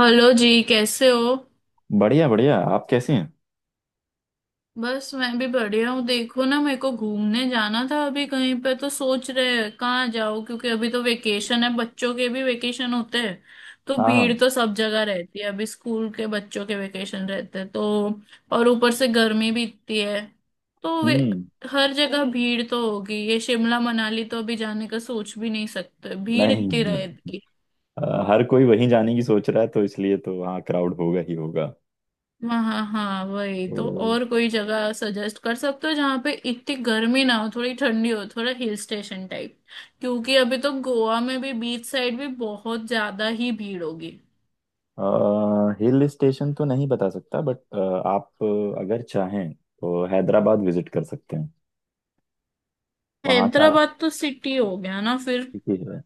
Hello ji कैसे हो। बढ़िया बढ़िया, आप कैसे हैं? बस मैं भी बढ़िया हूँ। देखो ना मेरे को घूमने जाना था अभी कहीं पे तो सोच रहे हैं कहाँ जाओ, क्योंकि अभी तो वेकेशन है, बच्चों के भी वेकेशन होते हैं तो भीड़ हाँ। तो सब जगह रहती है। अभी स्कूल के बच्चों के वेकेशन रहते हैं तो। और ऊपर से गर्मी भी इतनी है तो वे हम्म। हर जगह भीड़ तो होगी। ये शिमला मनाली तो अभी जाने का सोच भी नहीं सकते, भीड़ नहीं इतनी नहीं। रहेगी। हर कोई वहीं जाने की सोच रहा है, तो इसलिए तो हाँ, क्राउड होगा ही होगा। हाँ हाँ हाँ, वही तो तो। और कोई जगह सजेस्ट कर सकते हो जहाँ पे इतनी गर्मी ना हो, थोड़ी ठंडी हो, थोड़ा हिल स्टेशन टाइप। क्योंकि अभी तो गोवा में भी बीच साइड भी बहुत ज्यादा ही भीड़ होगी। हिल स्टेशन तो नहीं बता सकता, बट आप अगर चाहें तो हैदराबाद विजिट कर सकते हैं। वहाँ का हैदराबाद तो सिटी हो गया ना फिर। ठीक है,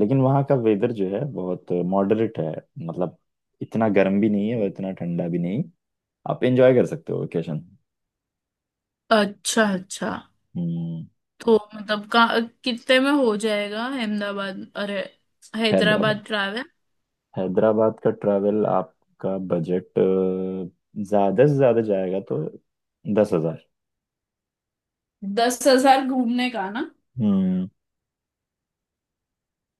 लेकिन वहाँ का वेदर जो है बहुत मॉडरेट है, मतलब इतना गर्म भी नहीं है और इतना ठंडा भी नहीं। आप एंजॉय कर सकते हो वेकेशन। अच्छा अच्छा। हम्म। तो मतलब का कितने में हो जाएगा अहमदाबाद अरे हैदराबाद? हैदराबाद ट्रैवल। हैदराबाद का ट्रैवल, आपका बजट ज्यादा से ज्यादा जाएगा तो 10,000। 10 हजार घूमने का ना। हम्म।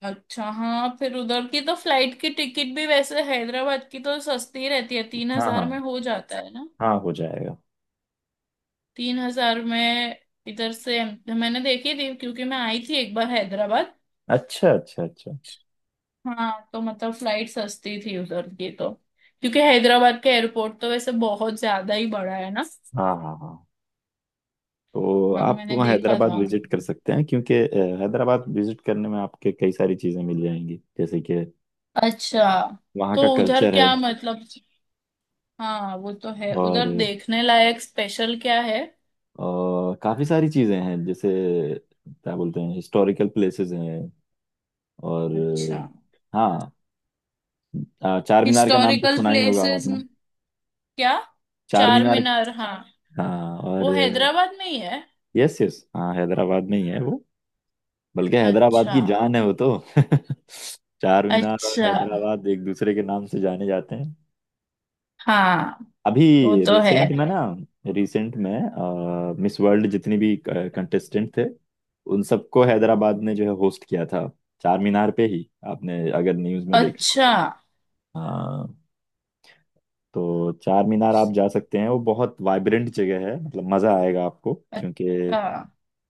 अच्छा हाँ, फिर उधर की तो फ्लाइट की टिकट भी वैसे हैदराबाद की तो सस्ती रहती है, तीन हाँ, हजार में हाँ, हो जाता है ना। हाँ, हो जाएगा। 3 हजार में इधर से मैंने देखी थी, क्योंकि मैं आई थी एक बार हैदराबाद। अच्छा, अच्छा, अच्छा। हाँ तो मतलब फ्लाइट सस्ती थी उधर की तो। क्योंकि हैदराबाद का एयरपोर्ट तो वैसे बहुत ज्यादा ही बड़ा है ना। हाँ, हाँ, हाँ, तो हाँ आप मैंने वहाँ देखा हैदराबाद था। विजिट कर सकते हैं, क्योंकि हैदराबाद विजिट करने में आपके कई सारी चीज़ें मिल जाएंगी, जैसे कि अच्छा। वहाँ तो का उधर कल्चर है। क्या मतलब, हाँ वो तो है, और उधर देखने लायक स्पेशल क्या है। काफ़ी सारी चीज़ें हैं, जैसे क्या बोलते हैं, हिस्टोरिकल प्लेसेस हैं। और अच्छा। हाँ। चार मीनार का नाम तो हिस्टोरिकल सुना ही होगा प्लेसेस, आपने। क्या। चार चार मीनार, मीनार हाँ। हाँ। और वो हैदराबाद में ही है। यस यस, हाँ, हैदराबाद में ही है वो। बल्कि हैदराबाद अच्छा। की जान है वो तो। चार मीनार और अच्छा। हैदराबाद एक दूसरे के नाम से जाने जाते हैं। हाँ अभी वो तो है। रिसेंट में ना, रिसेंट में मिस वर्ल्ड जितनी भी कंटेस्टेंट थे, उन सबको हैदराबाद ने जो है होस्ट किया था, चार मीनार पे ही, आपने अगर न्यूज़ में देखा हो अच्छा तो। हाँ। तो चार मीनार आप जा सकते हैं, वो बहुत वाइब्रेंट जगह है, मतलब मज़ा आएगा आपको, क्योंकि अच्छा।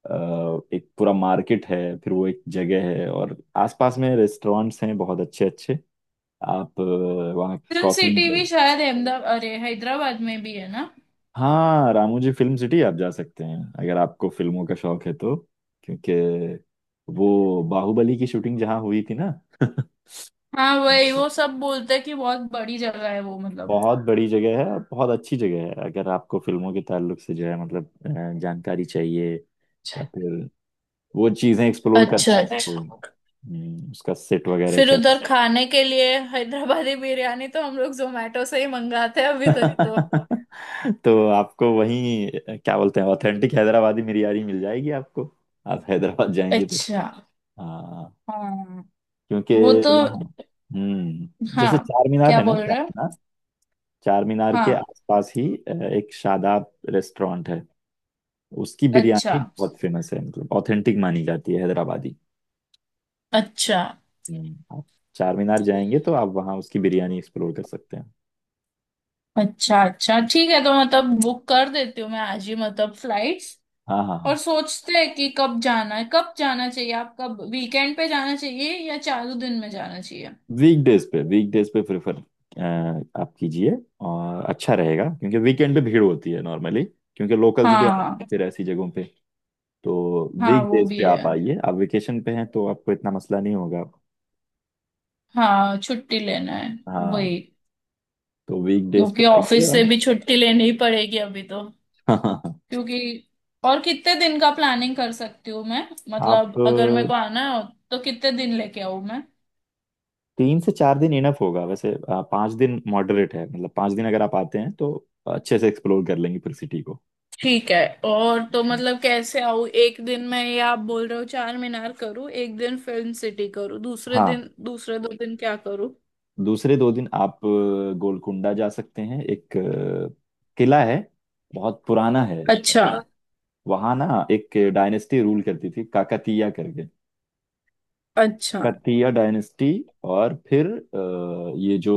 एक पूरा मार्केट है। फिर वो एक जगह है और आसपास में रेस्टोरेंट्स हैं बहुत अच्छे अच्छे। आप वहाँ फिल्म कॉफी। सिटी भी शायद अहमदाबाद अरे हैदराबाद में भी है ना। हाँ, रामोजी फिल्म सिटी आप जा सकते हैं, अगर आपको फिल्मों का शौक है तो। क्योंकि वो बाहुबली की शूटिंग जहाँ हुई थी ना। हाँ वही, वो सब बोलते हैं कि बहुत बड़ी जगह है वो मतलब। बहुत बड़ी जगह है और बहुत अच्छी जगह है, अगर आपको फिल्मों के ताल्लुक से जो है, मतलब जानकारी चाहिए, या फिर वो चीजें एक्सप्लोर अच्छा करना है अच्छा। आपको, उसका सेट वगैरह फिर कैसा। उधर खाने के लिए हैदराबादी बिरयानी तो हम लोग जोमेटो से ही मंगाते हैं अभी तक तो। तो आपको वहीं, क्या बोलते हैं, ऑथेंटिक हैदराबादी बिरयानी मिल जाएगी आपको, आप हैदराबाद जाएंगे तो। अच्छा। हाँ, हाँ क्योंकि वो तो। वहाँ जैसे हाँ। चार मीनार क्या है ना, बोल चार रहे हो। मीनार, चार मीनार हाँ। के आसपास ही एक शादाब रेस्टोरेंट है। उसकी अच्छा बिरयानी बहुत फेमस है, मतलब ऑथेंटिक मानी जाती है, हैदराबादी। अच्छा आप चार मीनार जाएंगे तो आप वहाँ उसकी बिरयानी एक्सप्लोर कर सकते हैं। अच्छा अच्छा ठीक है, तो मतलब बुक कर देती हूँ मैं आज ही मतलब फ्लाइट्स। हाँ, हाँ, और हाँ। सोचते हैं कि कब जाना है, कब जाना चाहिए, आप कब वीकेंड पे जाना चाहिए या चालू दिन में जाना चाहिए। वीकडेज पे, वीकडेज पे प्रेफर आप कीजिए, और अच्छा रहेगा क्योंकि वीकेंड पे भीड़ होती है नॉर्मली, क्योंकि लोकल्स भी आते हैं हाँ फिर ऐसी जगहों पे। तो हाँ, वो वीकडेज भी पे है। आप आइए, आप वेकेशन पे हैं तो आपको इतना मसला नहीं होगा। हाँ छुट्टी लेना है, हाँ। वही। तो वीकडेज पे क्योंकि आइए, ऑफिस से और भी छुट्टी लेनी ही पड़ेगी अभी तो, हाँ। क्योंकि। और कितने दिन का प्लानिंग कर सकती हूँ मैं, आप मतलब अगर मेरे को आना हो तो कितने दिन लेके आऊँ। 3 से 4 दिन इनफ होगा वैसे, 5 दिन मॉडरेट है, मतलब 5 दिन अगर आप आते हैं तो अच्छे से एक्सप्लोर कर लेंगे फिर सिटी को। ठीक है। और तो मतलब कैसे आऊँ, एक दिन मैं ये आप बोल रहे हो चार मीनार करूँ, एक दिन फिल्म सिटी करूँ, दूसरे हाँ, दिन दूसरे 2 दिन क्या करूँ। दूसरे 2 दिन आप गोलकुंडा जा सकते हैं, एक किला है, बहुत पुराना है। अच्छा वहां ना एक डायनेस्टी रूल करती थी, काकतीया करके, अच्छा। काकतीया डायनेस्टी। और फिर ये जो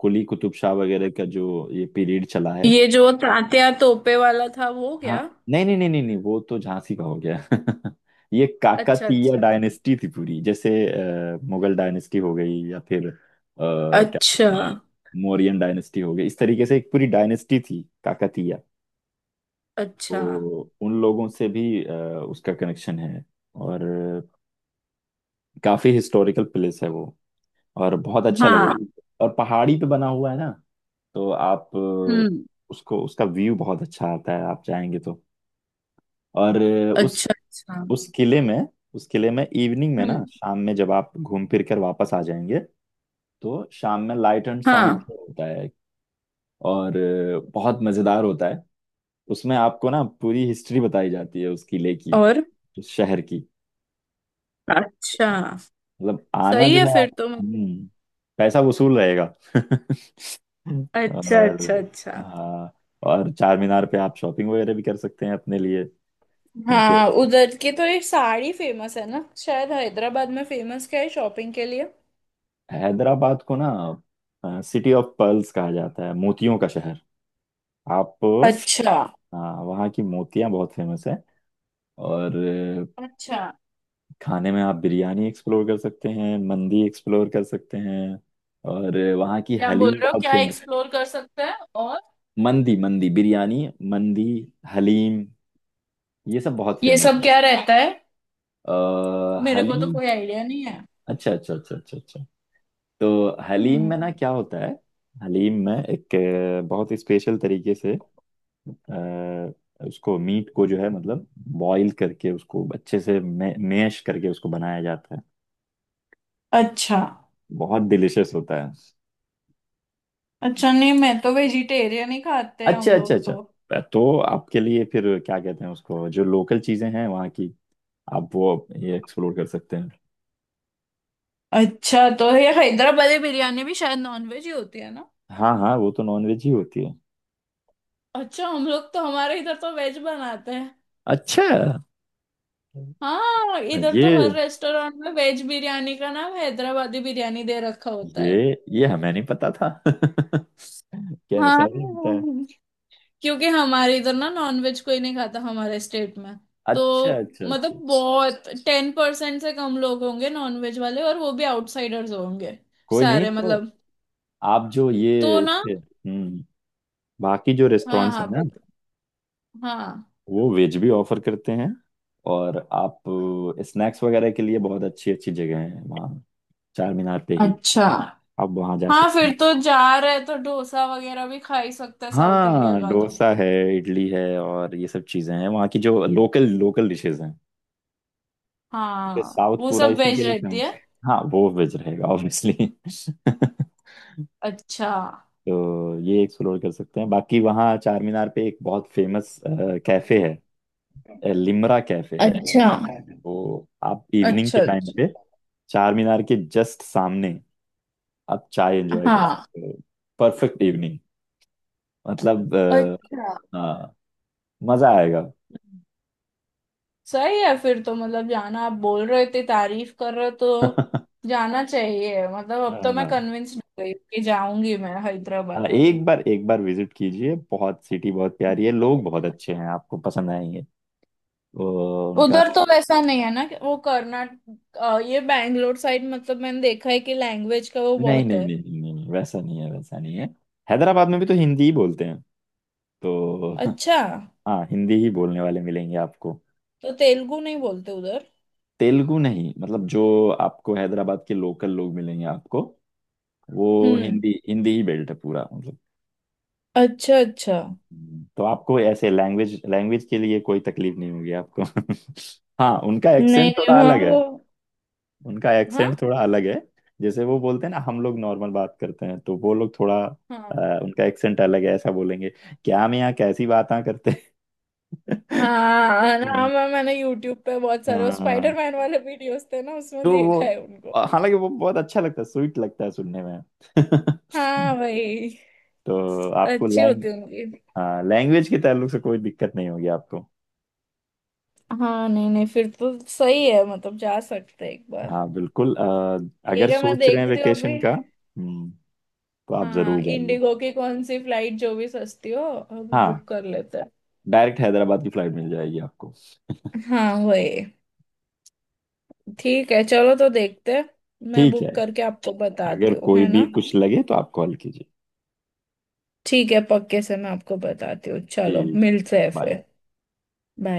कुली कुतुब शाह वगैरह का जो ये पीरियड चला है। ये जो तात्या तोपे वाला था वो क्या। हाँ, नहीं नहीं नहीं नहीं नहीं, वो तो झांसी का हो गया। ये अच्छा काकतीय अच्छा अच्छा डायनेस्टी थी पूरी, जैसे मुगल डायनेस्टी हो गई, या फिर क्या अच्छा बोलते हैं, मौर्यन डायनेस्टी हो गई, इस तरीके से एक पूरी डायनेस्टी थी काकतीय। अच्छा। तो उन लोगों से भी उसका कनेक्शन है। और काफी हिस्टोरिकल प्लेस है वो, और बहुत अच्छा लगे। हाँ। और पहाड़ी पे बना हुआ है ना, तो आप हम्म। उसको उसका व्यू बहुत अच्छा आता है, आप जाएंगे तो। और उस अच्छा अच्छा। उस किले में, उस किले में इवनिंग में ना, हम्म। शाम में, जब आप घूम फिर कर वापस आ जाएंगे, तो शाम में लाइट एंड हाँ। साउंड शो होता है। और बहुत मजेदार होता है। उसमें आपको ना पूरी हिस्ट्री बताई जाती है उस किले की, और उस शहर की, अच्छा। मतलब आना सही जो है है फिर आप, तो मतलब। हम्म, पैसा वसूल रहेगा। अच्छा और अच्छा अच्छा। हाँ, और चार मीनार पे आप शॉपिंग वगैरह भी कर सकते हैं अपने लिए, क्योंकि हाँ उधर की तो ये साड़ी फेमस है ना शायद, हैदराबाद में फेमस क्या है शॉपिंग के लिए। हैदराबाद को ना सिटी ऑफ पर्ल्स कहा जाता है, मोतियों का शहर। आप, अच्छा। हाँ, वहाँ की मोतियाँ बहुत फेमस है। और अच्छा। खाने में आप बिरयानी एक्सप्लोर कर सकते हैं, मंदी एक्सप्लोर कर सकते हैं, और वहाँ की क्या बोल हलीम रहे हो, बहुत क्या फेमस। एक्सप्लोर कर सकते हैं। और मंदी, मंदी बिरयानी, मंदी, हलीम, ये सब बहुत ये फेमस सब है। क्या रहता है, अ, मेरे को तो हलीम। कोई आइडिया नहीं है। अच्छा, अच्छा, अच्छा, अच्छा, अच्छा। तो हलीम हम्म। में ना क्या होता है? हलीम में एक बहुत स्पेशल तरीके से, उसको मीट को जो है, मतलब बॉईल करके, उसको अच्छे से मैश करके उसको बनाया जाता है। अच्छा। बहुत डिलिशियस होता है। अच्छा नहीं, मैं तो वेजिटेरियन ही खाते हैं हम अच्छा, अच्छा, लोग तो। अच्छा। तो आपके लिए फिर, क्या कहते हैं उसको, जो लोकल चीजें हैं वहाँ की, आप वो ये एक्सप्लोर कर सकते हैं। अच्छा, तो ये हैदराबादी बिरयानी भी शायद नॉन वेज ही होती है ना। हाँ, हाँ, वो तो नॉनवेज ही होती है। अच्छा, हम लोग तो हमारे इधर तो वेज बनाते हैं। अच्छा। हाँ इधर तो हर ये रेस्टोरेंट में वेज बिरयानी का नाम हैदराबादी बिरयानी दे रखा होता है। ये ये हमें नहीं पता था। क्या ऐसा भी होता है? हाँ, क्योंकि हमारे इधर ना नॉन वेज कोई नहीं खाता हमारे स्टेट में। अच्छा, तो अच्छा, मतलब अच्छा। बहुत 10% से कम लोग होंगे नॉन वेज वाले, और वो भी आउटसाइडर्स होंगे कोई नहीं सारे तो। मतलब। आप जो तो ये ना, इसके, बाकी जो हाँ रेस्टोरेंट्स हाँ हैं ना, बत हाँ। वो वेज भी ऑफर करते हैं। और आप स्नैक्स वगैरह के लिए बहुत अच्छी अच्छी जगह है वहाँ, चार मीनार पे ही। अच्छा। आप वहाँ जा हाँ सकते फिर हैं। तो जा रहे हैं तो डोसा वगैरह भी खा ही सकते हैं साउथ इंडिया हाँ, का तो। डोसा है, इडली है, और ये सब चीज़ें हैं वहाँ की, जो लोकल लोकल डिशेज हैं। क्योंकि हाँ साउथ वो पूरा सब इसी वेज के लिए रहती फेमस है। है। हाँ, वो वेज रहेगा ऑब्वियसली। अच्छा तो ये एक्सप्लोर कर सकते हैं। बाकी वहाँ चार मीनार पे एक बहुत फेमस कैफे है, लिमरा कैफे है। अच्छा तो आप इवनिंग अच्छा के टाइम अच्छा। पे, चार मीनार के जस्ट सामने, आप चाय एंजॉय कर हाँ। सकते हो। परफेक्ट इवनिंग, मतलब अच्छा। हाँ, मजा आएगा। सही है फिर तो मतलब जाना, आप बोल रहे थे तारीफ कर रहे हो तो हाँ, जाना चाहिए मतलब। अब हाँ, तो मैं कन्विंस हो गई कि जाऊंगी मैं हैदराबाद अभी। एक बार, एक बार विजिट कीजिए, बहुत सिटी बहुत प्यारी है, लोग बहुत अच्छे हैं, आपको पसंद आएंगे। तो उनका उधर तो वैसा नहीं है ना कि वो कर्नाटक, ये बैंगलोर साइड, मतलब मैंने देखा है कि लैंग्वेज का वो नहीं बहुत नहीं है। नहीं नहीं नहीं, वैसा नहीं है, वैसा नहीं है, हैदराबाद में भी तो हिंदी ही बोलते हैं तो। अच्छा। हाँ, हिंदी ही बोलने वाले मिलेंगे आपको। तो तेलुगु नहीं बोलते उधर। तेलुगु नहीं, मतलब जो आपको हैदराबाद के लोकल लोग मिलेंगे आपको वो, हम्म। हिंदी हिंदी ही बेल्ट है पूरा, मतलब। अच्छा अच्छा। तो आपको ऐसे लैंग्वेज लैंग्वेज के लिए कोई तकलीफ नहीं होगी आपको। हाँ, उनका नहीं एक्सेंट नहीं, थोड़ा वहाँ अलग है, वो। उनका हाँ एक्सेंट थोड़ा अलग है। जैसे वो बोलते हैं ना, हम लोग नॉर्मल बात करते हैं तो वो लोग थोड़ा हाँ उनका एक्सेंट अलग है, ऐसा बोलेंगे, क्या हम यहाँ कैसी बातें करते हैं। हाँ। हाँ मैं मैंने यूट्यूब पे बहुत सारे वो हाँ, स्पाइडरमैन वाले वीडियोस थे ना उसमें तो देखा है उनको। वो, हालांकि वो बहुत अच्छा लगता है, स्वीट लगता है सुनने में। हाँ भाई, तो आपको अच्छे होते होंगे। लैंग्वेज के ताल्लुक से कोई दिक्कत नहीं होगी आपको। हाँ नहीं नहीं, फिर तो सही है मतलब, जा सकते हैं एक बार। हाँ बिल्कुल, ठीक अगर है मैं सोच रहे हैं देखती हूँ अभी। वेकेशन का, तो आप हाँ जरूर जाइए। इंडिगो की कौन सी फ्लाइट जो भी सस्ती हो अभी हाँ, बुक कर लेते हैं। डायरेक्ट हैदराबाद की फ्लाइट मिल जाएगी आपको। हाँ वही। ठीक है चलो तो देखते हैं। मैं ठीक बुक है, करके आपको बताती अगर हूँ कोई है भी ना। कुछ लगे तो आप कॉल कीजिए। ठीक है, पक्के से मैं आपको बताती हूँ। चलो ठीक है, मिलते चलो, हैं बाय। फिर। बाय।